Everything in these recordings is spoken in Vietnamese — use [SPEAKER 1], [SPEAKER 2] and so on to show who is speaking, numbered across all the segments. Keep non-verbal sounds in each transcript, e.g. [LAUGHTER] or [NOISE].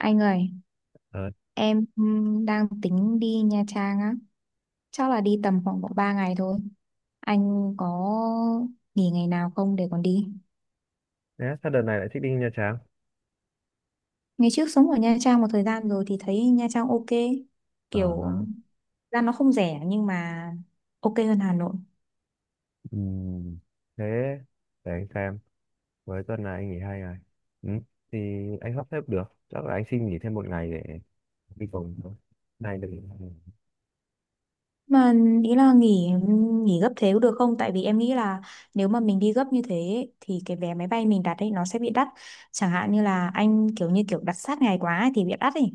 [SPEAKER 1] Anh ơi,
[SPEAKER 2] Ờ,
[SPEAKER 1] em đang tính đi Nha Trang á. Chắc là đi tầm khoảng độ 3 ngày thôi. Anh có nghỉ ngày nào không để còn đi?
[SPEAKER 2] thế sao đợt này lại thích đi Nha Trang?
[SPEAKER 1] Ngày trước sống ở Nha Trang một thời gian rồi thì thấy Nha Trang ok. Kiểu
[SPEAKER 2] Ờ,
[SPEAKER 1] ra nó không rẻ nhưng mà ok hơn Hà Nội.
[SPEAKER 2] ừm, Thế để anh xem, với tuần này anh nghỉ 2 ngày. Ừ, thì anh sắp xếp được, chắc là anh xin nghỉ thêm 1 ngày để đi cùng thôi. Này được.
[SPEAKER 1] Mà ý là nghỉ nghỉ gấp thế có được không? Tại vì em nghĩ là nếu mà mình đi gấp như thế ấy, thì cái vé máy bay mình đặt ấy nó sẽ bị đắt. Chẳng hạn như là anh kiểu như kiểu đặt sát ngày quá ấy thì bị đắt ấy.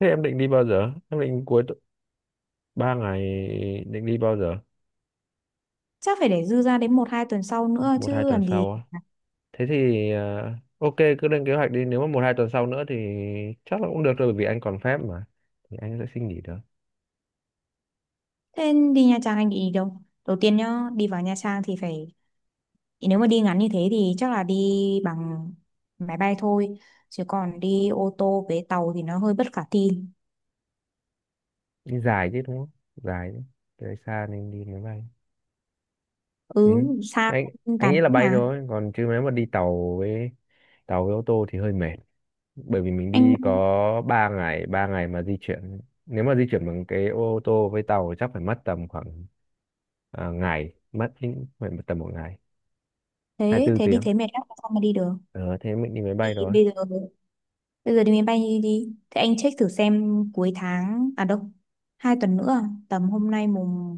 [SPEAKER 2] Thế em định đi bao giờ? Em định 3 ngày định đi bao giờ?
[SPEAKER 1] Chắc phải để dư ra đến một hai tuần sau nữa
[SPEAKER 2] Một hai
[SPEAKER 1] chứ
[SPEAKER 2] tuần
[SPEAKER 1] làm gì.
[SPEAKER 2] sau á. Thế thì ok cứ lên kế hoạch đi, nếu mà một hai tuần sau nữa thì chắc là cũng được rồi bởi vì anh còn phép mà. Thì anh sẽ xin nghỉ được.
[SPEAKER 1] Thế đi Nha Trang anh định đi đâu đầu tiên nhá, đi vào Nha Trang thì phải nếu mà đi ngắn như thế thì chắc là đi bằng máy bay thôi, chứ còn đi ô tô với tàu thì nó hơi bất khả thi.
[SPEAKER 2] Đi dài chứ đúng không? Dài chứ. Tới xa nên đi máy bay.
[SPEAKER 1] Ừ
[SPEAKER 2] Ừ.
[SPEAKER 1] xa,
[SPEAKER 2] Anh anh
[SPEAKER 1] tàn
[SPEAKER 2] nghĩ là
[SPEAKER 1] cũng
[SPEAKER 2] bay
[SPEAKER 1] mà
[SPEAKER 2] thôi, còn chứ nếu mà đi tàu với ô tô thì hơi mệt, bởi vì mình đi có
[SPEAKER 1] anh,
[SPEAKER 2] 3 ngày, 3 ngày mà di chuyển, nếu mà di chuyển bằng cái ô tô với tàu thì chắc phải mất tầm khoảng ngày mất đến, phải mất tầm một ngày,
[SPEAKER 1] thế
[SPEAKER 2] 24
[SPEAKER 1] thế đi
[SPEAKER 2] tiếng.
[SPEAKER 1] thế mệt lắm sao mà đi được.
[SPEAKER 2] Ờ, Thế mình đi máy
[SPEAKER 1] Thì
[SPEAKER 2] bay rồi.
[SPEAKER 1] bây giờ đi máy bay đi, đi. Thế anh check thử xem cuối tháng đâu hai tuần nữa à? Tầm hôm nay mùng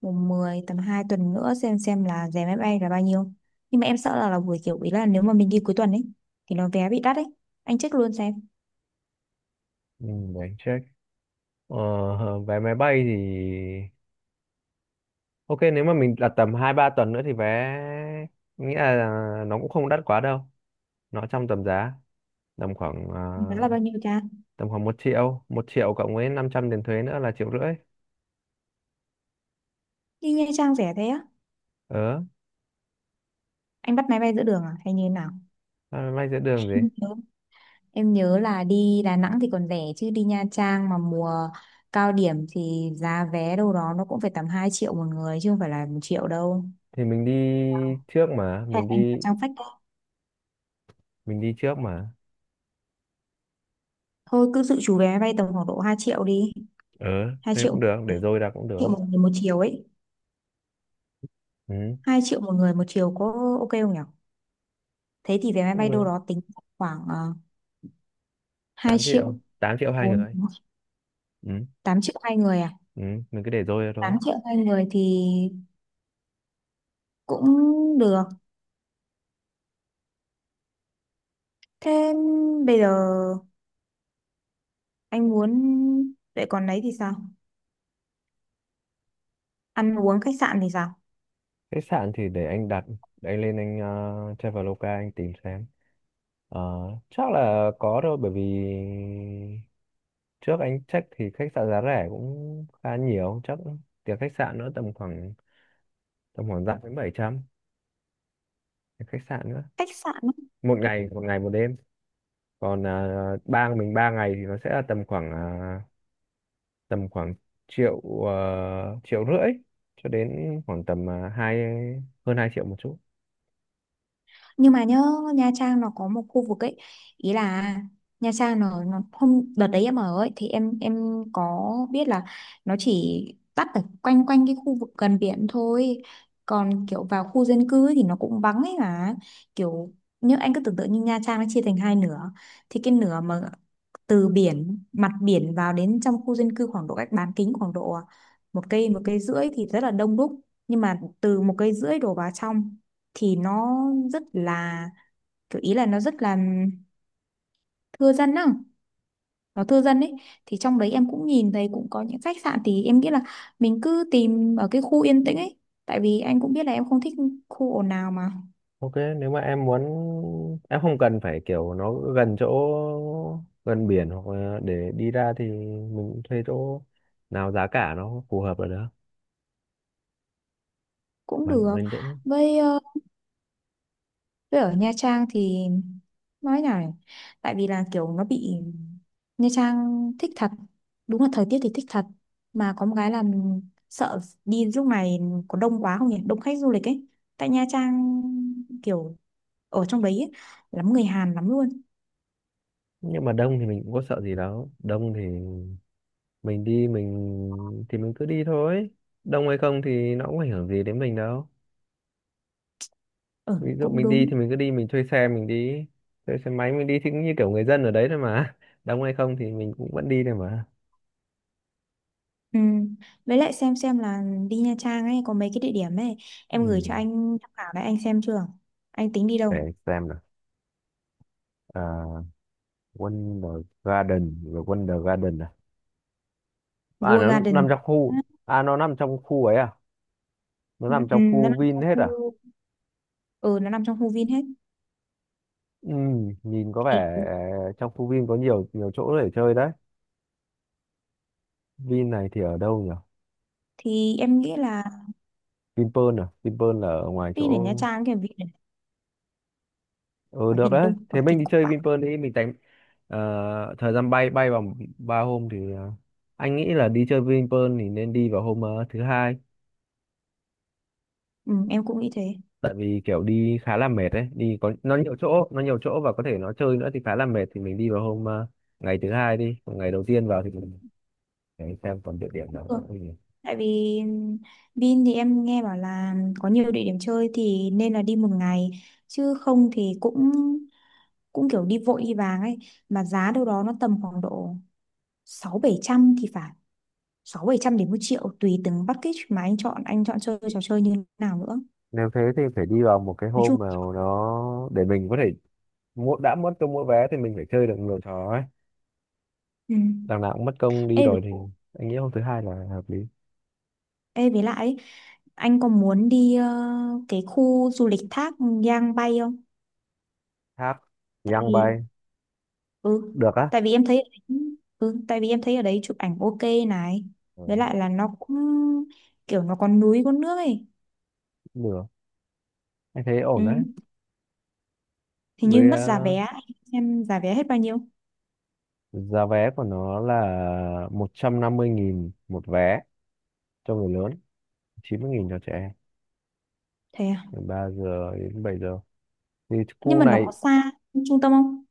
[SPEAKER 1] mùng mười, tầm 2 tuần nữa xem là giá máy bay là bao nhiêu, nhưng mà em sợ là buổi kiểu ý là nếu mà mình đi cuối tuần ấy thì nó vé bị đắt ấy. Anh check luôn xem
[SPEAKER 2] Ừ, để anh check. Vé máy bay thì ok, nếu mà mình đặt tầm hai ba tuần nữa thì vé, nghĩa là nó cũng không đắt quá đâu, nó trong tầm giá tầm khoảng
[SPEAKER 1] giá là bao nhiêu cha.
[SPEAKER 2] một triệu cộng với 500 tiền thuế nữa là triệu rưỡi.
[SPEAKER 1] Đi Nha Trang rẻ thế á?
[SPEAKER 2] ờ
[SPEAKER 1] Anh bắt máy bay giữa đường à hay như thế nào?
[SPEAKER 2] Vay giữa đường gì?
[SPEAKER 1] Em nhớ em nhớ là đi Đà Nẵng thì còn rẻ, chứ đi Nha Trang mà mùa cao điểm thì giá vé đâu đó nó cũng phải tầm 2 triệu một người chứ không phải là một triệu đâu.
[SPEAKER 2] Thì mình đi trước mà,
[SPEAKER 1] Hay
[SPEAKER 2] mình
[SPEAKER 1] anh vào
[SPEAKER 2] đi,
[SPEAKER 1] trang phách,
[SPEAKER 2] mình đi trước mà.
[SPEAKER 1] thôi cứ dự trù vé máy bay tầm khoảng độ 2 triệu đi.
[SPEAKER 2] ờ
[SPEAKER 1] Hai
[SPEAKER 2] Thế
[SPEAKER 1] triệu
[SPEAKER 2] cũng được, để dôi ra cũng được.
[SPEAKER 1] triệu một người một chiều ấy.
[SPEAKER 2] Ừ,
[SPEAKER 1] Hai triệu một người một chiều có ok không nhỉ? Thế thì vé máy
[SPEAKER 2] cũng
[SPEAKER 1] bay đâu
[SPEAKER 2] được.
[SPEAKER 1] đó tính khoảng 2
[SPEAKER 2] tám
[SPEAKER 1] triệu
[SPEAKER 2] triệu 8 triệu hai
[SPEAKER 1] 4,
[SPEAKER 2] người Ừ.
[SPEAKER 1] 8 triệu hai người à?
[SPEAKER 2] Ừ, mình cứ để dôi ra thôi.
[SPEAKER 1] 8 triệu hai người thì cũng được. Thế bây giờ anh muốn vậy, còn đấy thì sao? Ăn uống khách sạn thì sao?
[SPEAKER 2] Khách sạn thì để anh đặt, để anh lên anh Traveloka anh tìm xem. ờ Chắc là có thôi, bởi vì trước anh check thì khách sạn giá rẻ cũng khá nhiều, chắc tiền khách sạn nữa tầm khoảng dặm đến 700 cái khách sạn nữa,
[SPEAKER 1] Khách sạn á,
[SPEAKER 2] một ngày, một đêm. Còn bang mình 3 ngày thì nó sẽ là tầm khoảng tầm khoảng triệu, triệu rưỡi cho đến khoảng tầm hơn 2 triệu một chút.
[SPEAKER 1] nhưng mà nhớ Nha Trang nó có một khu vực ấy. Ý là Nha Trang nó hôm đợt đấy em ở ấy thì em có biết là nó chỉ tắt ở quanh quanh cái khu vực gần biển thôi, còn kiểu vào khu dân cư ấy thì nó cũng vắng ấy mà. Kiểu như anh cứ tưởng tượng như Nha Trang nó chia thành hai nửa, thì cái nửa mà từ biển, mặt biển vào đến trong khu dân cư khoảng độ cách bán kính khoảng độ một cây rưỡi thì rất là đông đúc, nhưng mà từ một cây rưỡi đổ vào trong thì nó rất là kiểu ý là nó rất là thưa dân á, nó thưa dân ấy. Thì trong đấy em cũng nhìn thấy cũng có những khách sạn, thì em nghĩ là mình cứ tìm ở cái khu yên tĩnh ấy, tại vì anh cũng biết là em không thích khu ồn ào mà.
[SPEAKER 2] Ok, nếu mà em muốn em không cần phải kiểu nó gần chỗ, gần biển, hoặc là để đi ra thì mình cũng thuê chỗ nào giá cả nó phù hợp là được,
[SPEAKER 1] Cũng
[SPEAKER 2] mà
[SPEAKER 1] được.
[SPEAKER 2] nó yên tĩnh.
[SPEAKER 1] Với với ở Nha Trang thì nói nào nhỉ? Tại vì là kiểu nó bị, Nha Trang thích thật, đúng là thời tiết thì thích thật, mà có một cái là mình sợ đi lúc này có đông quá không nhỉ, đông khách du lịch ấy. Tại Nha Trang kiểu ở trong đấy ấy, lắm người Hàn lắm luôn.
[SPEAKER 2] Nhưng mà đông thì mình cũng có sợ gì đâu, đông thì mình đi, mình thì mình cứ đi thôi. Đông hay không thì nó cũng ảnh hưởng gì đến mình đâu.
[SPEAKER 1] Ừ
[SPEAKER 2] Ví dụ
[SPEAKER 1] cũng
[SPEAKER 2] mình đi
[SPEAKER 1] đúng.
[SPEAKER 2] thì mình cứ đi, mình thuê xe mình đi, thuê xe máy mình đi thì cũng như kiểu người dân ở đấy thôi mà [LAUGHS] đông hay không thì mình cũng vẫn đi thôi mà.
[SPEAKER 1] Ừ. Với lại xem là đi Nha Trang ấy có mấy cái địa điểm ấy em gửi cho
[SPEAKER 2] Ừ,
[SPEAKER 1] anh tham khảo đấy, anh xem chưa, anh tính đi đâu?
[SPEAKER 2] để xem nào. À, Wonder Garden, rồi Wonder Garden à? À,
[SPEAKER 1] World
[SPEAKER 2] nó nằm
[SPEAKER 1] Garden.
[SPEAKER 2] trong khu, à nó nằm trong khu ấy à? Nó
[SPEAKER 1] Ừ,
[SPEAKER 2] nằm
[SPEAKER 1] ừ,
[SPEAKER 2] trong
[SPEAKER 1] nó
[SPEAKER 2] khu
[SPEAKER 1] nằm
[SPEAKER 2] Vin
[SPEAKER 1] trong
[SPEAKER 2] hết
[SPEAKER 1] khu,
[SPEAKER 2] à?
[SPEAKER 1] ừ, nó nằm trong khu Vin hết.
[SPEAKER 2] Ừ, nhìn có
[SPEAKER 1] thì,
[SPEAKER 2] vẻ trong khu Vin có nhiều nhiều chỗ để chơi đấy. Vin này thì ở đâu nhỉ?
[SPEAKER 1] thì em nghĩ là
[SPEAKER 2] Vinpearl à? Vinpearl là ở ngoài
[SPEAKER 1] đi đến Nha
[SPEAKER 2] chỗ.
[SPEAKER 1] Trang kiểu vì
[SPEAKER 2] Ừ,
[SPEAKER 1] hỏi
[SPEAKER 2] được
[SPEAKER 1] Vin là
[SPEAKER 2] đấy,
[SPEAKER 1] đông hỏi
[SPEAKER 2] thế mình
[SPEAKER 1] kinh
[SPEAKER 2] đi
[SPEAKER 1] khủng
[SPEAKER 2] chơi
[SPEAKER 1] vãi.
[SPEAKER 2] Vinpearl đi, mình tính thời gian bay bay vào ba hôm thì, anh nghĩ là đi chơi Vinpearl thì nên đi vào hôm thứ hai,
[SPEAKER 1] Ừ, em cũng nghĩ thế.
[SPEAKER 2] tại vì kiểu đi khá là mệt đấy, đi có nó nhiều chỗ, và có thể nó chơi nữa thì khá là mệt, thì mình đi vào hôm ngày thứ hai đi, còn ngày đầu tiên vào thì mình để xem còn địa điểm nào nữa
[SPEAKER 1] Ừ.
[SPEAKER 2] không.
[SPEAKER 1] Tại vì Vin thì em nghe bảo là có nhiều địa điểm chơi thì nên là đi một ngày, chứ không thì cũng cũng kiểu đi vội đi vàng ấy, mà giá đâu đó nó tầm khoảng độ sáu bảy trăm thì phải, sáu bảy trăm đến một triệu tùy từng package mà anh chọn, anh chọn chơi trò chơi như nào nữa.
[SPEAKER 2] Nếu thế thì phải đi vào một cái
[SPEAKER 1] Nói chung
[SPEAKER 2] hôm mà nó để mình có thể mua, đã mất cho mua vé thì mình phải chơi được nhiều trò ấy,
[SPEAKER 1] ừ.
[SPEAKER 2] đằng nào cũng mất công
[SPEAKER 1] Ê,
[SPEAKER 2] đi rồi thì anh nghĩ hôm thứ hai là hợp lý.
[SPEAKER 1] ê với lại ấy, anh có muốn đi cái khu du lịch thác Giang Bay không?
[SPEAKER 2] Hát
[SPEAKER 1] Tại
[SPEAKER 2] Young
[SPEAKER 1] vì
[SPEAKER 2] bay
[SPEAKER 1] ừ
[SPEAKER 2] được á.
[SPEAKER 1] tại vì em thấy ở đấy, ừ tại vì em thấy ở đấy chụp ảnh ok này. Với
[SPEAKER 2] Ừ,
[SPEAKER 1] lại là nó cũng kiểu nó có núi có nước ấy.
[SPEAKER 2] được, anh thấy ổn đấy.
[SPEAKER 1] Ừ hình như
[SPEAKER 2] Với
[SPEAKER 1] mất giá vé, em giá vé hết bao nhiêu?
[SPEAKER 2] giá vé của nó là 150.000 một vé cho người lớn, 90.000 cho trẻ em,
[SPEAKER 1] Thế à?
[SPEAKER 2] từ 3 giờ đến 7 giờ thì
[SPEAKER 1] Nhưng
[SPEAKER 2] khu
[SPEAKER 1] mà nó có
[SPEAKER 2] này.
[SPEAKER 1] xa trung tâm không?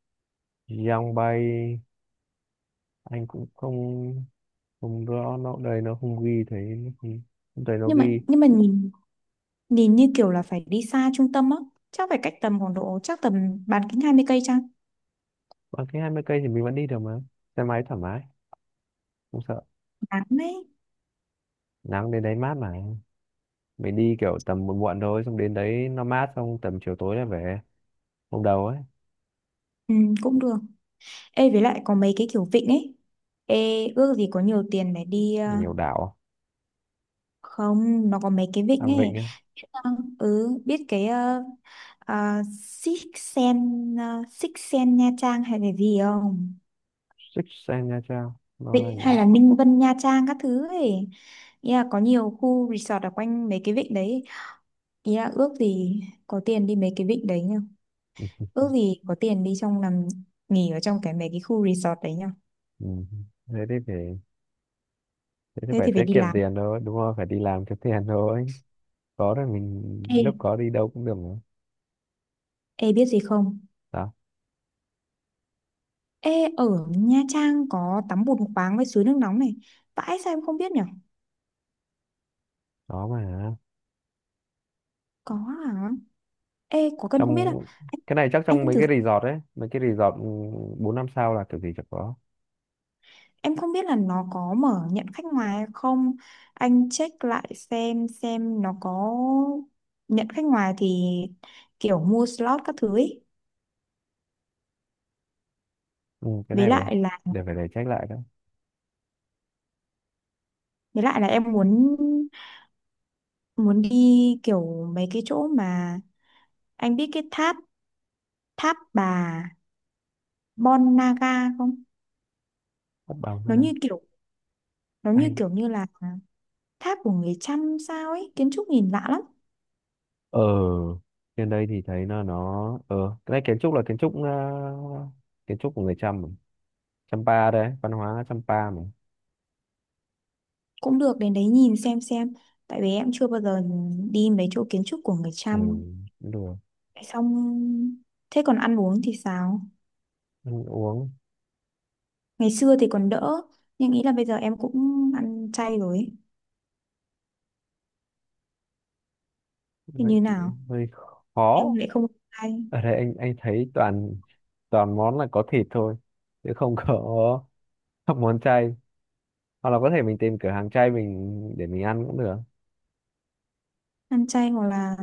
[SPEAKER 2] Young bay anh cũng không, không rõ, nó đây nó không ghi, thấy nó không, không thấy nó
[SPEAKER 1] nhưng mà
[SPEAKER 2] ghi.
[SPEAKER 1] nhưng mà nhìn nhìn như kiểu là phải đi xa trung tâm á, chắc phải cách tầm khoảng độ chắc tầm bán kính 20 cây chăng.
[SPEAKER 2] Bằng cái 20 cây thì mình vẫn đi được mà, xe máy thoải mái, không sợ
[SPEAKER 1] Bán đấy.
[SPEAKER 2] nắng, đến đấy mát mà, mình đi kiểu tầm muộn muộn thôi, xong đến đấy nó mát, xong tầm chiều tối là về, hôm đầu ấy.
[SPEAKER 1] Ừ, cũng được. Ê với lại có mấy cái kiểu vịnh ấy, ê ước gì có nhiều tiền để đi
[SPEAKER 2] Nhiều đảo.
[SPEAKER 1] không nó có mấy cái
[SPEAKER 2] À,
[SPEAKER 1] vịnh ấy.
[SPEAKER 2] vịnh á,
[SPEAKER 1] Vâng, ừ biết cái Six Sen Nha Trang hay là gì không?
[SPEAKER 2] Six Sen Nha Trang, nó là
[SPEAKER 1] Vịnh
[SPEAKER 2] gì?
[SPEAKER 1] hay là Ninh Vân Nha Trang các thứ ấy. Ý là có nhiều khu resort ở quanh mấy cái vịnh đấy. Ý là ước gì có tiền đi mấy cái vịnh đấy nhá. Ước gì có tiền đi trong nằm nghỉ ở trong cái mấy cái khu resort đấy nhá.
[SPEAKER 2] Ừ. thế thì phải thế thì
[SPEAKER 1] Thế
[SPEAKER 2] phải
[SPEAKER 1] thì phải
[SPEAKER 2] tiết
[SPEAKER 1] đi
[SPEAKER 2] kiệm
[SPEAKER 1] làm.
[SPEAKER 2] tiền thôi, đúng không, phải đi làm kiếm tiền thôi, có rồi mình
[SPEAKER 1] Ê,
[SPEAKER 2] lúc có đi đâu cũng được mà.
[SPEAKER 1] ê biết gì không?
[SPEAKER 2] Đó,
[SPEAKER 1] Ê ở Nha Trang có tắm bùn khoáng với suối nước nóng này. Vãi sao em không biết nhở?
[SPEAKER 2] đó mà
[SPEAKER 1] Có hả? Ê có cần không biết à?
[SPEAKER 2] trong,
[SPEAKER 1] anh
[SPEAKER 2] cái này chắc trong
[SPEAKER 1] Anh
[SPEAKER 2] mấy
[SPEAKER 1] thử.
[SPEAKER 2] cái resort ấy, mấy cái resort, ừ, bốn năm sao là kiểu gì chẳng có.
[SPEAKER 1] Em không biết là nó có mở nhận khách ngoài hay không. Anh check lại xem nó có nhận khách ngoài thì kiểu mua slot các thứ ấy.
[SPEAKER 2] Ừ, cái
[SPEAKER 1] Với
[SPEAKER 2] này để
[SPEAKER 1] lại là
[SPEAKER 2] để phải để check lại đó.
[SPEAKER 1] với lại là em muốn muốn đi kiểu mấy cái chỗ mà anh biết cái tháp, tháp bà Bon Naga không?
[SPEAKER 2] Mất bằng thế
[SPEAKER 1] Nó như kiểu nó như
[SPEAKER 2] này,
[SPEAKER 1] kiểu như là tháp của người Chăm sao ấy, kiến trúc nhìn lạ lắm.
[SPEAKER 2] ở trên đây thì thấy nó, cái này kiến trúc là kiến trúc, kiến trúc của người Chăm mà. Champa đấy, văn hóa Champa mà.
[SPEAKER 1] Cũng được đến đấy nhìn xem xem. Tại vì em chưa bao giờ đi mấy chỗ kiến trúc của người
[SPEAKER 2] Ừ,
[SPEAKER 1] Chăm.
[SPEAKER 2] cũng được.
[SPEAKER 1] Xong thế còn ăn uống thì sao,
[SPEAKER 2] Ăn uống
[SPEAKER 1] ngày xưa thì còn đỡ nhưng nghĩ là bây giờ em cũng ăn chay rồi ấy. Thì
[SPEAKER 2] lại
[SPEAKER 1] như nào,
[SPEAKER 2] cũng hơi
[SPEAKER 1] em
[SPEAKER 2] khó.
[SPEAKER 1] lại không ăn chay.
[SPEAKER 2] Ở đây anh thấy toàn, món là có thịt thôi, chứ không có [LAUGHS] các món chay. Hoặc là có thể mình tìm cửa hàng chay mình, để mình ăn cũng được.
[SPEAKER 1] Ăn chay hoặc là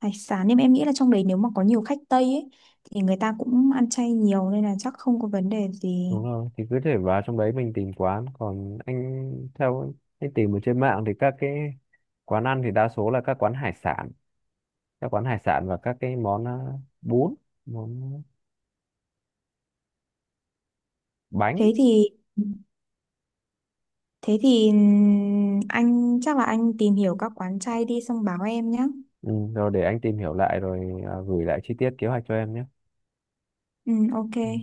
[SPEAKER 1] hải sản, nhưng mà em nghĩ là trong đấy nếu mà có nhiều khách Tây ấy thì người ta cũng ăn chay nhiều nên là chắc không có vấn đề gì.
[SPEAKER 2] Đúng rồi, thì cứ thể vào trong đấy mình tìm quán, còn anh theo anh tìm ở trên mạng thì các cái quán ăn thì đa số là các quán hải sản, các quán hải sản và các cái món bún, món bánh.
[SPEAKER 1] Thế thì thế thì anh chắc là anh tìm hiểu các quán chay đi xong báo em nhé.
[SPEAKER 2] Ừ, rồi để anh tìm hiểu lại rồi, gửi lại chi tiết kế hoạch cho em nhé.
[SPEAKER 1] Ừ ok.
[SPEAKER 2] Ừ.